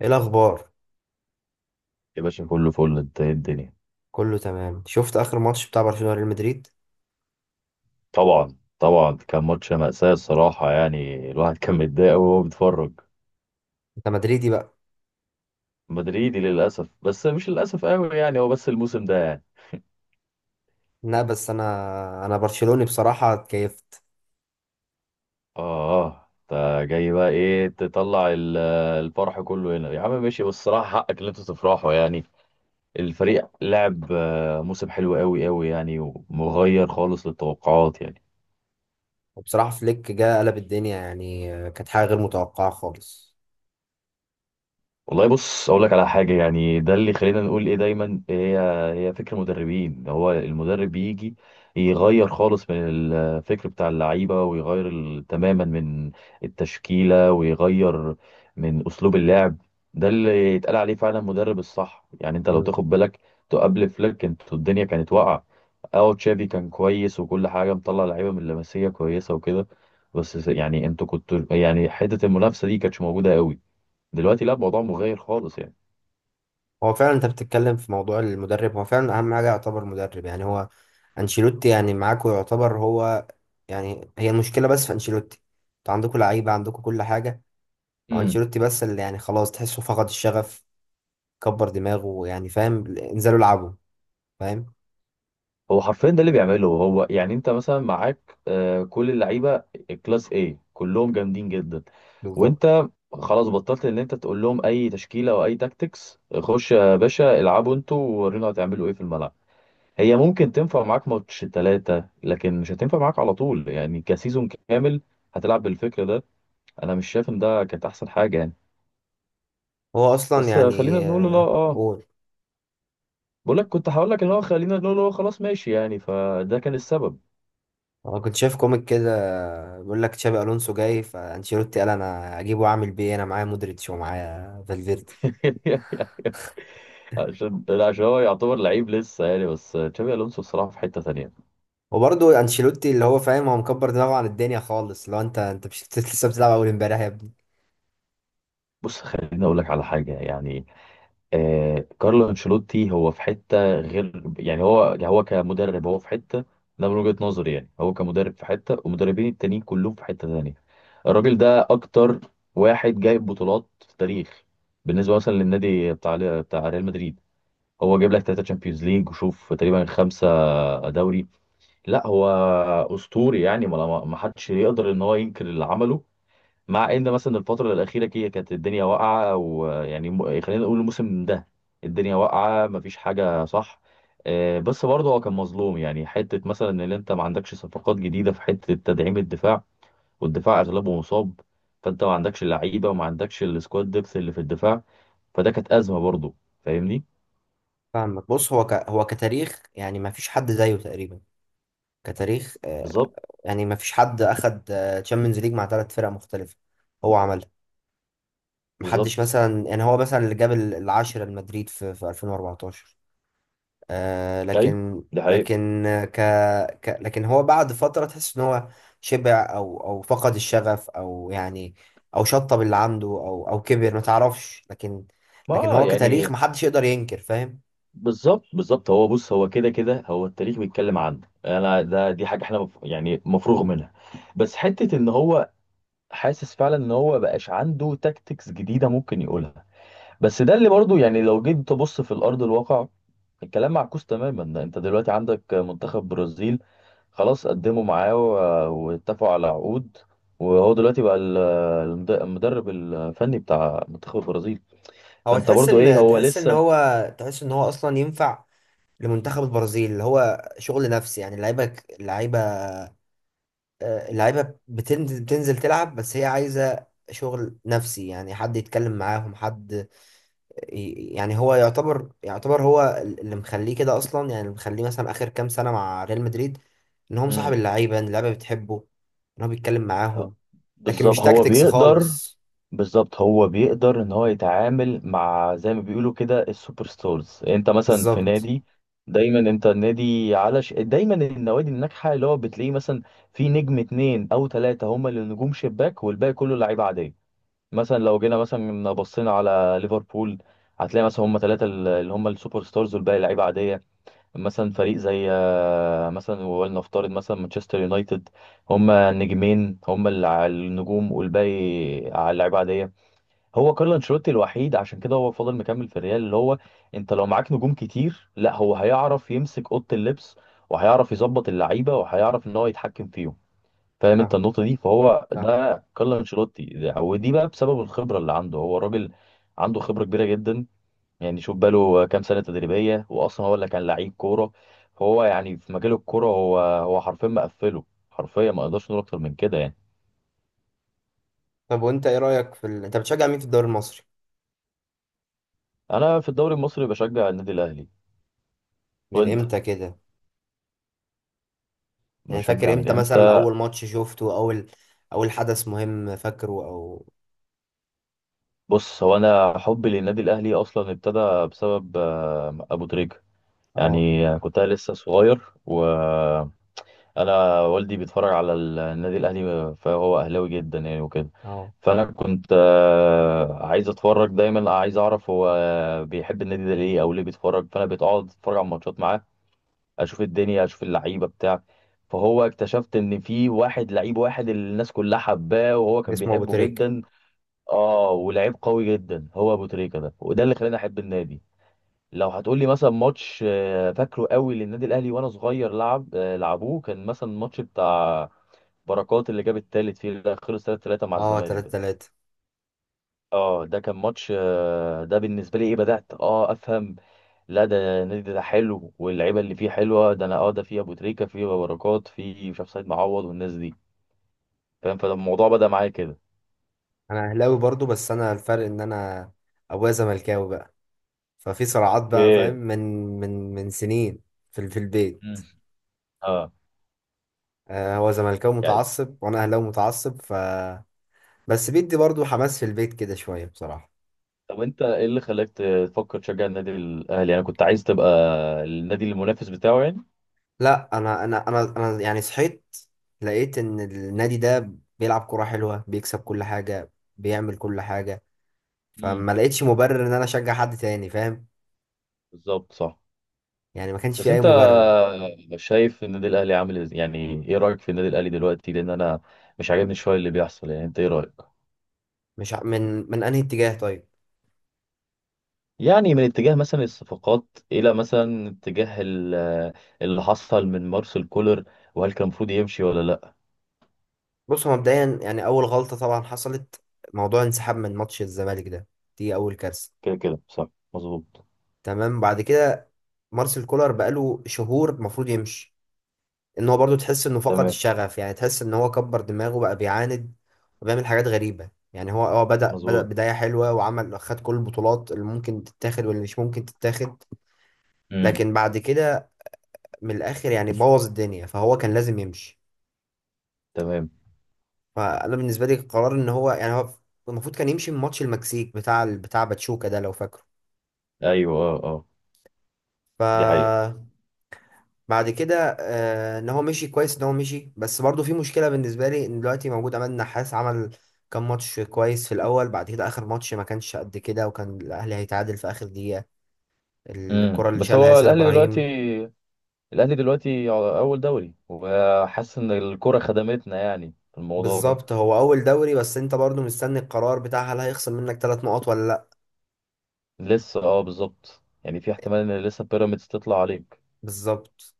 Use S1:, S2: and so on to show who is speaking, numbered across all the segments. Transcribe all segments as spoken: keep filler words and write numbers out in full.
S1: ايه الاخبار؟
S2: يا باشا كله فل، انت ايه الدنيا؟
S1: كله تمام. شفت اخر ماتش بتاع برشلونة ريال مدريد؟
S2: طبعا طبعا، كان ماتش مأساة الصراحة. يعني الواحد كان متضايق قوي وهو بيتفرج.
S1: انت مدريدي بقى؟
S2: مدريدي للأسف، بس مش للأسف قوي يعني. هو بس الموسم ده يعني.
S1: لا بس انا انا برشلوني بصراحة اتكيفت.
S2: اه اه، انت جاي بقى ايه؟ تطلع ال- الفرح كله هنا يا عم. ماشي، بس الصراحة حقك ان انت تفرحوا يعني. الفريق لعب آه، موسم حلو قوي قوي يعني، ومغير خالص للتوقعات يعني.
S1: وبصراحة فليك جه قلب الدنيا، يعني آه، كانت حاجة غير متوقعة خالص.
S2: والله بص اقول لك على حاجه يعني، ده اللي خلينا نقول ايه دايما. إيه هي هي فكر مدربين. هو المدرب بيجي يغير خالص من الفكر بتاع اللعيبه، ويغير ال- تماما من التشكيله، ويغير من اسلوب اللعب. ده اللي يتقال عليه فعلا مدرب الصح يعني. انت لو
S1: مم.
S2: تاخد بالك، تو قبل فليك انتوا الدنيا كانت واقعه. اه تشافي كان كويس، وكل حاجه مطلع لعيبه من اللمسيه كويسه وكده، بس يعني انتوا كنتوا يعني حته المنافسه دي كانتش موجوده قوي. دلوقتي لا، الموضوع مغاير خالص يعني.
S1: هو فعلا انت بتتكلم في موضوع المدرب، هو فعلا اهم حاجة يعتبر مدرب، يعني هو انشيلوتي يعني معاكو يعتبر هو، يعني هي المشكلة بس في انشيلوتي. انتوا عندكوا لعيبة، عندكوا كل حاجة. هو
S2: امم.
S1: انشيلوتي بس اللي يعني خلاص تحسه فقد الشغف، كبر دماغه، يعني فاهم، انزلوا العبوا، فاهم.
S2: هو حرفيا ده اللي بيعمله. هو يعني انت مثلا معاك آه، كل اللعيبه كلاس، ايه، كلهم جامدين جدا.
S1: بالظبط.
S2: وانت خلاص بطلت ان انت تقول لهم اي تشكيله او اي تاكتكس. خش يا باشا العبوا انتوا، وورينا هتعملوا ايه في الملعب. هي ممكن تنفع معاك ماتش ثلاثه، لكن مش هتنفع معاك على طول يعني، كسيزون كامل هتلعب بالفكر ده. انا مش شايف ان ده كانت احسن حاجه يعني.
S1: هو اصلا
S2: بس آه، خلينا
S1: يعني
S2: نقول، لا
S1: آه،
S2: اه.
S1: قول.
S2: بقول لك كنت هقول لك ان هو، خلينا نقول هو خلاص ماشي يعني، فده كان السبب.
S1: انا كنت شايف كوميك كده بيقول لك تشابي الونسو جاي، فانشيلوتي قال انا اجيبه واعمل بيه إيه؟ انا معايا مودريتش ومعايا فالفيردي.
S2: عشان عشان هو يعتبر لعيب لسه يعني، بس تشابي الونسو بصراحه في حته تانية.
S1: وبرضه انشيلوتي اللي هو فاهم، هو مكبر دماغه عن الدنيا خالص. لو انت انت مش لسه لسه بتلعب اول امبارح يا ابني.
S2: بص خليني اقول لك على حاجه يعني، آه كارلو انشيلوتي هو في حته غير يعني. هو هو كمدرب هو في حته. ده من وجهه نظري يعني، هو كمدرب في حته والمدربين التانيين كلهم في حته تانية. الراجل ده اكتر واحد جايب بطولات في التاريخ، بالنسبه مثلا للنادي بتاع بتاع ريال مدريد. هو جايب لك ثلاثه تشامبيونز ليج، وشوف تقريبا خمسه دوري. لا هو اسطوري يعني. ما ما- ما حدش يقدر ان هو ينكر اللي عمله. مع ان مثلا الفتره الاخيره كي كانت الدنيا واقعه، ويعني م- خلينا نقول الموسم ده الدنيا واقعه، ما فيش حاجه صح. آه، بس برضه هو كان مظلوم يعني. حته مثلا ان انت ما عندكش صفقات جديده في حته تدعيم الدفاع، والدفاع اغلبه مصاب، فانت ما عندكش لعيبه وما عندكش السكواد ديبث اللي في الدفاع. فده كانت ازمه برضه. فاهمني؟
S1: فاهمك. بص، هو ك... هو كتاريخ يعني ما فيش حد زيه تقريبا، كتاريخ آه،
S2: بالظبط
S1: يعني ما فيش حد اخد تشامبيونز ليج مع ثلاث فرق مختلفة، هو عملها. محدش،
S2: بالظبط.
S1: مثلا يعني هو مثلا اللي جاب ال- العاشرة لمدريد في في ألفين وأربعة عشر. آه،
S2: ايوه،
S1: لكن
S2: ده حقيقي.
S1: لكن آه، ك... ك لكن هو بعد فترة تحس ان هو شبع او او فقد الشغف، او يعني او شطب اللي عنده، او او كبر، ما تعرفش. لكن لكن
S2: ما
S1: هو كتاريخ
S2: يعني.
S1: محدش يقدر ينكر، فاهم.
S2: بالظبط بالظبط. هو بص، هو كده كده هو التاريخ بيتكلم عنه. انا ده دي حاجه احنا مف... يعني مفروغ منها. بس حته ان هو حاسس فعلا ان هو بقاش عنده تاكتكس جديده ممكن يقولها. بس ده اللي برضو يعني لو جيت تبص في الارض الواقع، الكلام معكوس تماما. ده انت دلوقتي عندك منتخب برازيل خلاص قدموا معاه و- واتفقوا على عقود، وهو دلوقتي بقى ال- المد- المدرب الفني بتاع منتخب البرازيل.
S1: هو
S2: فانت
S1: تحس
S2: برضو ايه،
S1: ان
S2: هو
S1: تحس ان
S2: لسه.
S1: هو تحس ان هو اصلا ينفع لمنتخب البرازيل. اللي هو شغل نفسي، يعني اللعيبة، اللعيبة آه، اللعيبة بتنزل بتنزل تلعب، بس هي عايزة شغل نفسي، يعني حد يتكلم معاهم، حد يعني. هو يعتبر يعتبر هو اللي مخليه كده اصلا، يعني اللي مخليه مثلا اخر كام سنه مع ريال مدريد، ان هو مصاحب
S2: مم.
S1: اللعيبه، ان اللعيبه بتحبه، ان هو بيتكلم
S2: ه-.
S1: معاهم، لكن
S2: بالظبط
S1: مش
S2: هو
S1: تاكتكس
S2: بيقدر.
S1: خالص.
S2: بالظبط هو بيقدر ان هو يتعامل مع زي ما بيقولوا كده السوبر ستارز. انت مثلا في
S1: بالظبط.
S2: نادي، دايما انت النادي على ش... دايما النوادي الناجحه اللي هو بتلاقيه مثلا في نجم اتنين او تلاته هم اللي نجوم شباك، والباقي كله لعيبه عاديه. مثلا لو جينا مثلا بصينا على ليفربول، هتلاقي مثلا هم تلاته اللي هم السوبر ستارز، والباقي لعيبه عاديه. مثلا فريق زي آه، مثلا، ولنفترض مثلا مانشستر يونايتد، هم نجمين هم اللي على النجوم، والباقي على اللعيبه عاديه. هو كارلو انشيلوتي الوحيد، عشان كده هو فضل مكمل في الريال اللي هو، انت لو معاك نجوم كتير، لا هو هيعرف يمسك اوضه اللبس، وهيعرف يظبط اللعيبه، وهيعرف ان هو يتحكم فيهم. فاهم انت
S1: فاهم.
S2: النقطه دي؟ فهو
S1: فاهم.
S2: ده كارلو انشيلوتي ده- ودي بقى بسبب الخبره اللي عنده. هو راجل عنده خبره كبيره جدا، يعني شوف بقاله كام سنة تدريبية، وأصلا هو اللي كان لعيب كورة. هو يعني في مجال الكورة، هو هو حرفيا مقفله. حرفيا ما اقدرش نقول أكتر من كده يعني.
S1: طب وانت ايه رايك في ال... انت بتشجع مين في الدوري المصري؟
S2: أنا في الدوري المصري بشجع النادي الأهلي.
S1: من
S2: وأنت
S1: امتى كده؟ يعني فاكر
S2: بشجع من
S1: امتى مثلا
S2: إمتى؟
S1: اول ماتش شفته، اول اول حدث مهم فاكره، او
S2: بص، هو أنا حبي للنادي الأهلي أصلا ابتدى بسبب آه، أبو تريكة
S1: اه
S2: يعني. كنت أنا لسه صغير، و انا والدي بيتفرج على النادي الاهلي، فهو اهلاوي جدا يعني وكده.
S1: اه
S2: فانا كنت آه، عايز اتفرج دايما، عايز اعرف هو بيحب النادي ده ليه، او ليه بيتفرج. فانا بقعد اتفرج على الماتشات معاه، اشوف الدنيا، اشوف اللعيبه بتاع. فهو اكتشفت ان في واحد لعيب، واحد اللي الناس كلها حباه وهو كان
S1: اسمه ابو
S2: بيحبه
S1: تريك؟
S2: جدا. اه، ولعيب قوي جدا هو ابو تريكه ده، وده اللي خلاني احب النادي. لو هتقول لي مثلا ماتش آه، فاكره قوي للنادي الاهلي وانا صغير، لعب آه، لعبوه، كان مثلا الماتش بتاع بركات اللي جاب التالت فيه، لا خلص ثلاثة ثلاثة مع
S1: اه.
S2: الزمالك
S1: 3
S2: ده.
S1: 3
S2: اه ده كان ماتش آه، ده بالنسبه لي ايه، بدات اه افهم لا، ده النادي ده حلو واللعيبه اللي فيه حلوه. ده انا اه، ده فيه ابو تريكه، فيه بركات، فيه مش عارف سيد معوض والناس دي. فاهم؟ فالموضوع بدا معايا كده.
S1: انا اهلاوي برضو، بس انا الفرق ان انا ابويا زملكاوي بقى، ففي صراعات بقى، فاهم،
S2: اوكي.
S1: من من من سنين في في البيت.
S2: مم. اه.
S1: آه، هو زملكاوي
S2: يعني
S1: متعصب وانا اهلاوي متعصب ف بس بيدي برضو حماس في البيت كده شويه بصراحه.
S2: طب انت ايه اللي خلاك تفكر تشجع النادي الاهلي يعني؟ كنت عايز تبقى النادي المنافس بتاعه يعني؟
S1: لا انا انا انا انا يعني صحيت لقيت ان النادي ده بيلعب كوره حلوه، بيكسب كل حاجه، بيعمل كل حاجه،
S2: امم.
S1: فما لقيتش مبرر ان انا اشجع حد تاني، فاهم.
S2: بالظبط صح.
S1: يعني ما كانش
S2: بس
S1: في اي
S2: انت
S1: مبرر.
S2: شايف النادي الاهلي عامل إز- يعني، ايه رايك في النادي الاهلي دلوقتي؟ لان انا مش عاجبني شويه اللي بيحصل يعني. انت ايه رايك؟
S1: مش ع- من من انهي اتجاه طيب؟
S2: يعني من اتجاه مثلا الصفقات، الى مثلا اتجاه ال- اللي حصل من مارسيل كولر، وهل كان المفروض يمشي ولا لا؟
S1: بص، هو مبدئيا يعني اول غلطه طبعا حصلت موضوع انسحاب من ماتش الزمالك ده، دي اول كارثه.
S2: كده كده صح. مظبوط.
S1: تمام. بعد كده مارسيل كولر بقاله شهور المفروض يمشي. ان هو برضو تحس انه فقد
S2: تمام.
S1: الشغف، يعني تحس ان هو كبر دماغه بقى، بيعاند وبيعمل حاجات غريبة. يعني هو اه بدأ بدأ
S2: مظبوط.
S1: بداية حلوة وعمل، خد كل البطولات اللي ممكن تتاخد واللي مش ممكن تتاخد.
S2: امم.
S1: لكن بعد كده من الآخر يعني بوظ الدنيا، فهو كان لازم يمشي.
S2: تمام.
S1: فأنا بالنسبة لي قرار ان هو، يعني هو المفروض كان يمشي من ماتش المكسيك بتاع بتاع باتشوكا ده، لو فاكره.
S2: ايوه اه اه،
S1: ف
S2: دي حقيقه.
S1: بعد كده آه ان هو مشي كويس، ان هو مشي. بس برضه في مشكله بالنسبه لي، ان دلوقتي موجود عماد النحاس، عمل كام ماتش كويس في الاول، بعد كده اخر ماتش ما كانش قد كده، وكان الاهلي هيتعادل في اخر دقيقه،
S2: امم.
S1: الكره اللي
S2: بس
S1: شالها
S2: هو
S1: ياسر
S2: الاهلي دلوقتي،
S1: ابراهيم.
S2: الاهلي دلوقتي اول دوري، وحاسس ان الكره خدمتنا يعني في الموضوع ده.
S1: بالظبط، هو اول دوري، بس انت برضه مستني القرار بتاع هل هيخصم منك ثلاث نقط ولا لا.
S2: لسه اه، بالظبط، يعني في احتمال ان لسه بيراميدز تطلع عليك.
S1: بالظبط.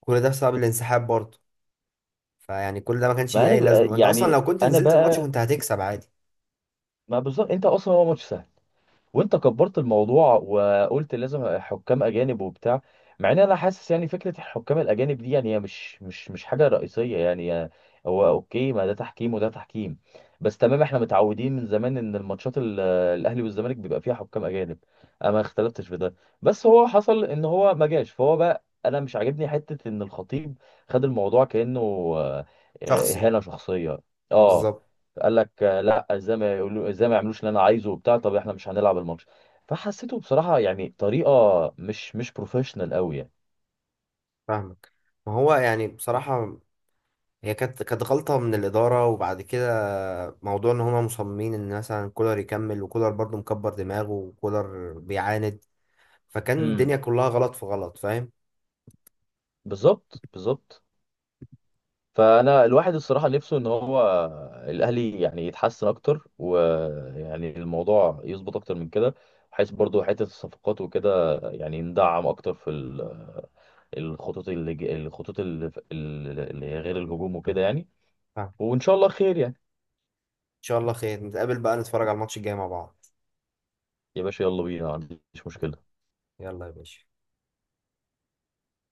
S1: كل ده بسبب الانسحاب برضه، فيعني كل ده ما كانش
S2: ما
S1: ليه
S2: انا
S1: اي
S2: بقى
S1: لازمه، انت اصلا
S2: يعني
S1: لو كنت
S2: انا
S1: نزلت الماتش
S2: بقى
S1: كنت هتكسب عادي.
S2: ما بالظبط، انت اصلا هو ماتش سهل، وانت كبرت الموضوع وقلت لازم حكام اجانب وبتاع. مع ان انا حاسس يعني فكره الحكام الاجانب دي يعني هي مش مش مش حاجه رئيسيه يعني. هو اوكي، ما ده تحكيم وده تحكيم. بس تمام احنا متعودين من زمان ان الماتشات ال- الاهلي والزمالك بيبقى فيها حكام اجانب. انا ما اختلفتش في ده. بس هو حصل ان هو ما جاش، فهو بقى انا مش عاجبني حته ان الخطيب خد الموضوع كانه آه،
S1: شخصي.
S2: اهانه شخصيه. اه.
S1: بالظبط.
S2: قال لك آه، لا ازاي ما يقولوا، ازاي ما يعملوش اللي انا عايزه وبتاع، طب احنا مش هنلعب الماتش. فحسيته بصراحه يعني طريقه مش مش بروفيشنال قوي يعني.
S1: فاهمك. ما هو يعني بصراحة هي كانت كانت غلطة من الإدارة، وبعد كده موضوع إن هما مصممين إن مثلا كولر يكمل، وكولر برضه مكبر دماغه وكولر بيعاند، فكان
S2: امم.
S1: الدنيا كلها غلط في غلط، فاهم؟
S2: بالظبط بالظبط. فانا الواحد الصراحه نفسه ان هو الاهلي يعني يتحسن اكتر، ويعني الموضوع يظبط اكتر من كده، بحيث برضو حته الصفقات وكده يعني ندعم اكتر في ال- الخطوط اللي ج- الخطوط اللي اللي غير الهجوم وكده يعني.
S1: فاهم.
S2: وان شاء الله خير يعني.
S1: إن شاء الله خير. نتقابل بقى نتفرج على الماتش الجاي مع بعض.
S2: يا باشا يلا بينا، ما عنديش مشكله.
S1: يلا يا باشا.